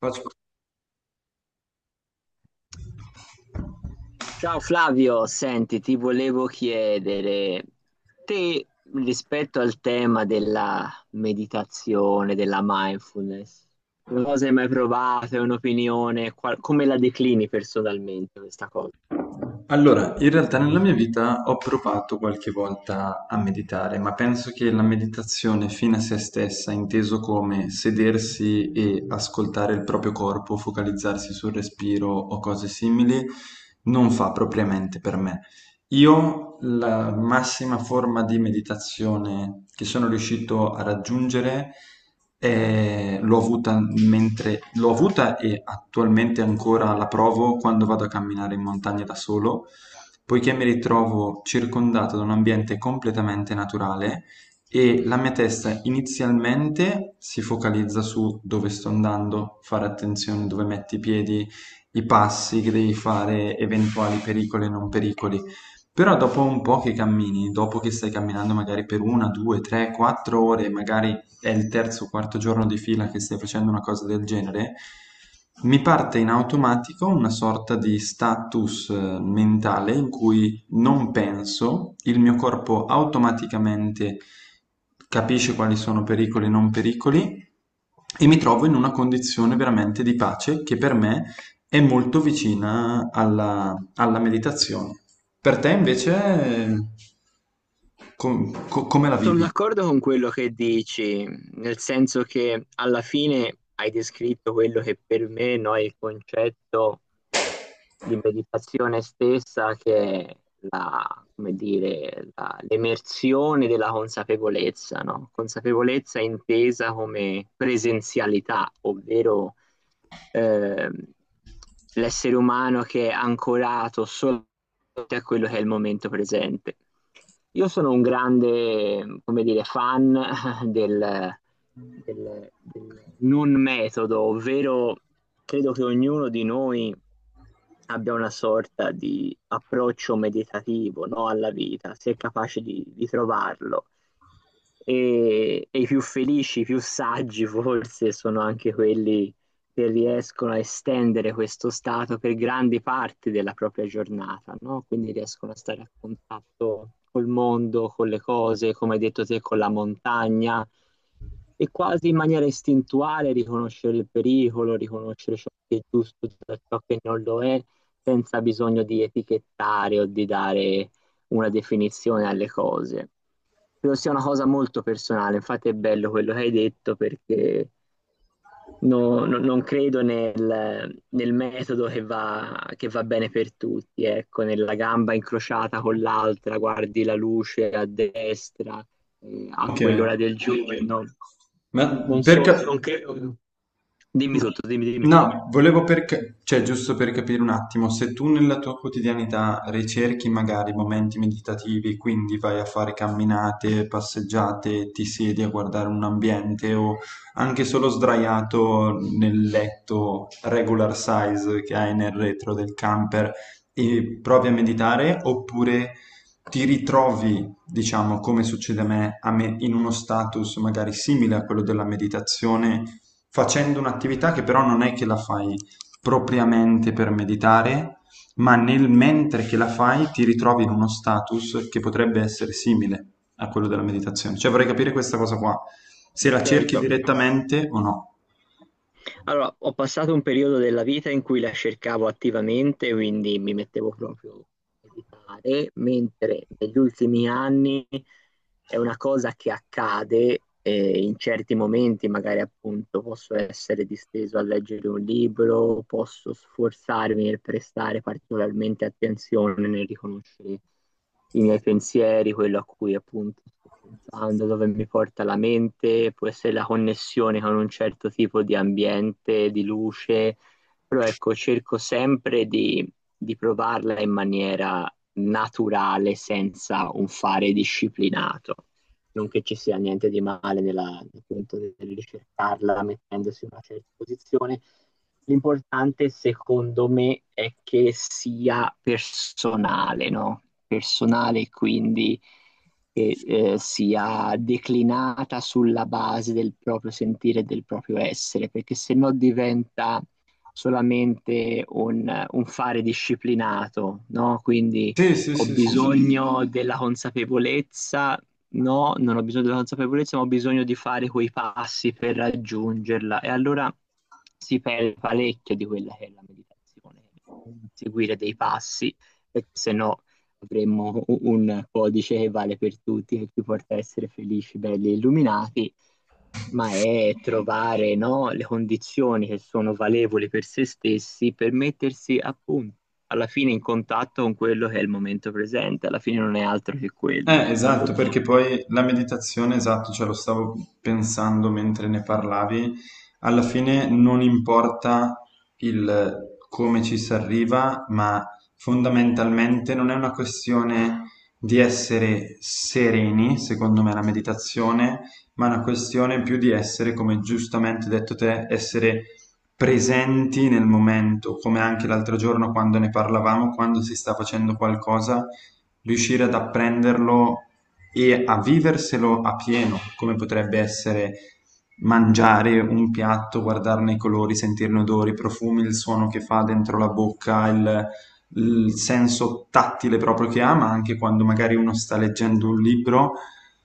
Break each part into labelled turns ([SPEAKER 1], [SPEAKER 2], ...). [SPEAKER 1] Faccio-
[SPEAKER 2] Ciao Flavio, senti, ti volevo chiedere, te rispetto al tema della meditazione, della mindfulness, non so se hai mai provato, è un'opinione, come la declini personalmente questa cosa?
[SPEAKER 1] Allora, in realtà nella mia vita ho provato qualche volta a meditare, ma penso che la meditazione fine a se stessa, inteso come sedersi e ascoltare il proprio corpo, focalizzarsi sul respiro o cose simili, non fa propriamente per me. Io la massima forma di meditazione che sono riuscito a raggiungere l'ho avuta mentre l'ho avuta e attualmente ancora la provo quando vado a camminare in montagna da solo, poiché mi ritrovo circondato da un ambiente completamente naturale e la mia testa inizialmente si focalizza su dove sto andando, fare attenzione dove metti i piedi, i passi che devi fare, eventuali pericoli e non pericoli. Però dopo un po' che cammini, dopo che stai camminando magari per una, due, tre, quattro ore, magari è il terzo o quarto giorno di fila che stai facendo una cosa del genere, mi parte in automatico una sorta di status mentale in cui non penso, il mio corpo automaticamente capisce quali sono pericoli e non pericoli e mi trovo in una condizione veramente di pace che per me è molto vicina alla meditazione. Per te invece come la
[SPEAKER 2] Sono
[SPEAKER 1] vivi?
[SPEAKER 2] d'accordo con quello che dici, nel senso che alla fine hai descritto quello che per me, no, è il concetto di meditazione stessa che è la, come dire, l'emersione della consapevolezza, no? Consapevolezza intesa come presenzialità, ovvero ehm, l'essere umano che è ancorato solo a quello che è il momento presente. Io sono un grande, come dire, fan del del non metodo, ovvero credo che ognuno di noi abbia una sorta di approccio meditativo, no, alla vita, se è capace di trovarlo. E i più felici, i più saggi forse sono anche quelli che riescono a estendere questo stato per grandi parti della propria giornata, no? Quindi riescono a stare a contatto col mondo, con le cose, come hai detto te, con la montagna e quasi in maniera istintuale riconoscere il pericolo, riconoscere ciò che è giusto da ciò che non lo è, senza bisogno di etichettare o di dare una definizione alle cose. Credo sia una cosa molto personale, infatti è bello quello che hai detto perché non credo nel metodo che va bene per tutti, ecco, nella gamba incrociata con l'altra, guardi la luce a destra, a
[SPEAKER 1] Ok.
[SPEAKER 2] quell'ora del giorno.
[SPEAKER 1] Ma
[SPEAKER 2] Non
[SPEAKER 1] per,
[SPEAKER 2] so,
[SPEAKER 1] ca-
[SPEAKER 2] non credo. Dimmi
[SPEAKER 1] no,
[SPEAKER 2] tutto, dimmi, dimmi.
[SPEAKER 1] no, cioè giusto per capire un attimo, se tu nella tua quotidianità ricerchi magari momenti meditativi, quindi vai a fare camminate, passeggiate, ti siedi a guardare un ambiente o anche solo sdraiato nel letto regular size che hai nel retro del camper e provi a meditare, oppure ti ritrovi diciamo, come succede a me in uno status magari simile a quello della meditazione, facendo un'attività che però non è che la fai propriamente per meditare, ma nel mentre che la fai ti ritrovi in uno status che potrebbe essere simile a quello della meditazione. Cioè vorrei capire questa cosa qua, se la cerchi
[SPEAKER 2] Certo.
[SPEAKER 1] direttamente o no.
[SPEAKER 2] Allora, ho passato un periodo della vita in cui la cercavo attivamente, quindi mi mettevo proprio a meditare, mentre negli ultimi anni è una cosa che accade in certi momenti, magari appunto posso essere disteso a leggere un libro, posso sforzarmi nel prestare particolarmente attenzione nel riconoscere i miei pensieri, quello a cui appunto sto pensando, dove mi porta la mente, può essere la connessione con un certo tipo di ambiente, di luce, però ecco, cerco sempre di provarla in maniera naturale senza un fare disciplinato. Non che ci sia niente di male nella, appunto, nel ricercarla mettendosi in una certa posizione. L'importante secondo me è che sia personale, no? Personale quindi che sia declinata sulla base del proprio sentire e del proprio essere, perché se no diventa solamente un fare disciplinato, no? Quindi
[SPEAKER 1] Sì, sì,
[SPEAKER 2] ho
[SPEAKER 1] sì, sì, sì.
[SPEAKER 2] bisogno della consapevolezza. No, non ho bisogno della consapevolezza, ma ho bisogno di fare quei passi per raggiungerla. E allora si perde parecchio di quella che è la meditazione, seguire dei passi, perché se no avremmo un codice che vale per tutti, che ci porta a essere felici, belli e illuminati, ma è trovare, no, le condizioni che sono valevoli per se stessi per mettersi appunto alla fine in contatto con quello che è il momento presente, alla fine non è altro che quello, secondo
[SPEAKER 1] Esatto,
[SPEAKER 2] me.
[SPEAKER 1] perché poi la meditazione, esatto, ce lo stavo pensando mentre ne parlavi, alla fine non importa il come ci si arriva, ma fondamentalmente non è una questione di essere sereni, secondo me, la meditazione, ma è una questione più di essere, come giustamente hai detto te, essere presenti nel momento, come anche l'altro giorno quando ne parlavamo, quando si sta facendo qualcosa riuscire ad apprenderlo e a viverselo a pieno, come potrebbe essere mangiare un piatto, guardarne i colori, sentirne odori, i profumi, il suono che fa dentro la bocca, il senso tattile proprio che ha, ma anche quando magari uno sta leggendo un libro,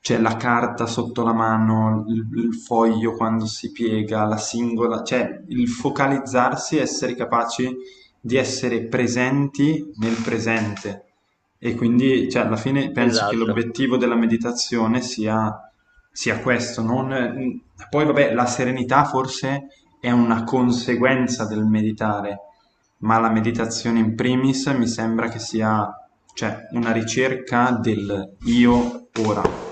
[SPEAKER 1] c'è la carta sotto la mano, il foglio quando si piega, la singola, cioè il focalizzarsi, essere capaci di essere presenti nel presente e quindi, cioè, alla fine penso che
[SPEAKER 2] Esatto.
[SPEAKER 1] l'obiettivo della meditazione sia questo. Poi, vabbè, la serenità forse è una conseguenza del meditare, ma la meditazione in primis mi sembra che sia, cioè, una ricerca del io ora.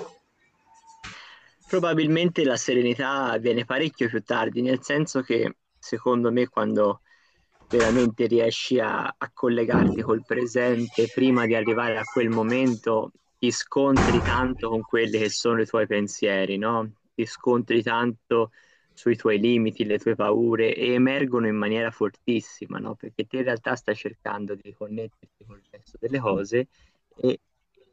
[SPEAKER 2] Probabilmente la serenità viene parecchio più tardi, nel senso che secondo me quando veramente riesci a collegarti col presente prima di arrivare a quel momento, ti scontri tanto con quelli che sono i tuoi pensieri, no? Ti scontri tanto sui tuoi limiti, le tue paure e emergono in maniera fortissima, no? Perché te in realtà stai cercando di connetterti con il resto delle cose e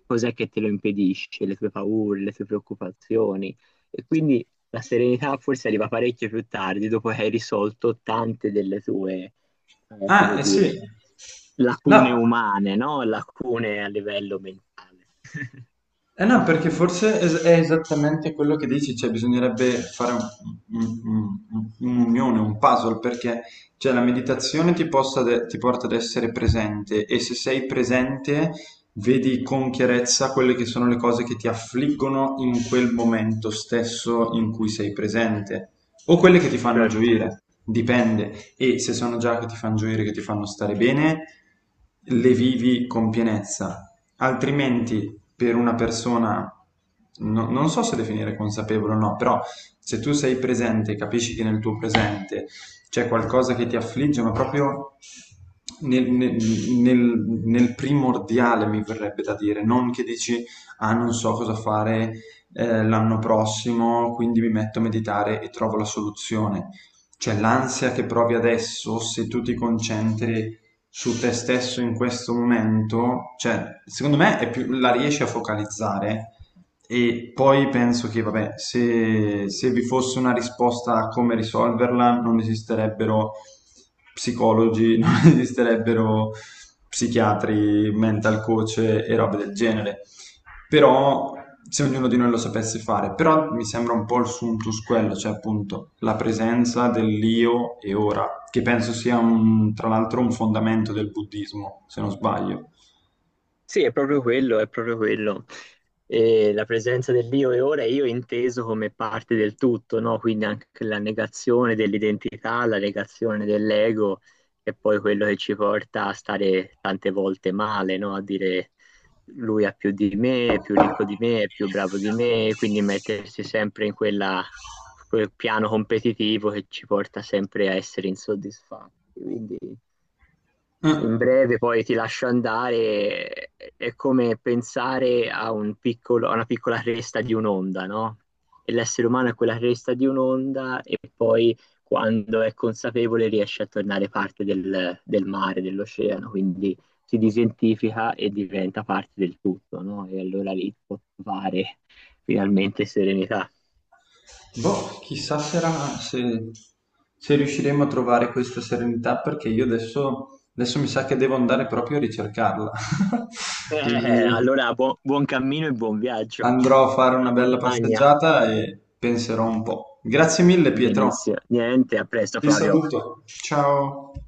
[SPEAKER 2] cos'è che te lo impedisce, le tue paure, le tue preoccupazioni. E quindi la serenità forse arriva parecchio più tardi, dopo che hai risolto tante delle tue,
[SPEAKER 1] Ah,
[SPEAKER 2] come
[SPEAKER 1] eh sì.
[SPEAKER 2] dire, lacune
[SPEAKER 1] No,
[SPEAKER 2] umane, no? Lacune a livello mentale.
[SPEAKER 1] eh no, perché è esattamente quello che dici, cioè bisognerebbe fare un- un'unione, un puzzle, perché cioè, la meditazione ti, possa de- ti porta ad essere presente e se sei presente vedi con chiarezza quelle che sono le cose che ti affliggono in quel momento stesso in cui sei presente o quelle che ti fanno
[SPEAKER 2] Certo.
[SPEAKER 1] gioire, dipende. E se sono già che ti fanno gioire, che ti fanno stare bene, le vivi con pienezza. Altrimenti, per una persona, non so se definire consapevole o no, però se tu sei presente, capisci che nel tuo presente c'è qualcosa che ti affligge, ma proprio nel, nel- nel primordiale, mi verrebbe da dire, non che dici, ah, non so cosa fare l'anno prossimo, quindi mi metto a meditare e trovo la soluzione. Cioè l'ansia che provi adesso, se tu ti concentri su te stesso in questo momento, cioè, secondo me è più, la riesci a focalizzare e poi penso che, vabbè, se vi fosse una risposta a come risolverla, non esisterebbero psicologi, esisterebbero psichiatri, mental coach e robe del genere. Però se ognuno di noi lo sapesse fare, però mi sembra un po' il suntus quello, cioè appunto la presenza dell'io e ora, che penso sia tra l'altro un fondamento del buddismo, se non sbaglio.
[SPEAKER 2] Sì, è proprio quello, è proprio quello. E la presenza dell'io e ora è io inteso come parte del tutto, no? Quindi anche la negazione dell'identità, la negazione dell'ego, è poi quello che ci porta a stare tante volte male, no? A dire lui ha più di me, è più ricco di me, è più bravo di me, quindi mettersi sempre in quel piano competitivo che ci porta sempre a essere insoddisfatti. Quindi
[SPEAKER 1] Eh,
[SPEAKER 2] in breve poi ti lascio andare, è come pensare a un a una piccola cresta di un'onda, no? E l'essere umano è quella cresta di un'onda e poi quando è consapevole riesce a tornare parte del mare, dell'oceano, quindi si disidentifica e diventa parte del tutto, no? E allora lì può trovare finalmente serenità.
[SPEAKER 1] boh, chissà sarà se, se riusciremo a trovare questa serenità, perché io adesso, adesso mi sa che devo andare proprio a ricercarla.
[SPEAKER 2] Eh,
[SPEAKER 1] Quindi...
[SPEAKER 2] allora buon cammino e buon viaggio.
[SPEAKER 1] Andrò a fare una
[SPEAKER 2] Buona
[SPEAKER 1] bella
[SPEAKER 2] montagna.
[SPEAKER 1] passeggiata e penserò un po'. Grazie mille, Pietro.
[SPEAKER 2] Benissimo. Niente, a presto
[SPEAKER 1] Ti
[SPEAKER 2] Flavio.
[SPEAKER 1] saluto. Ciao.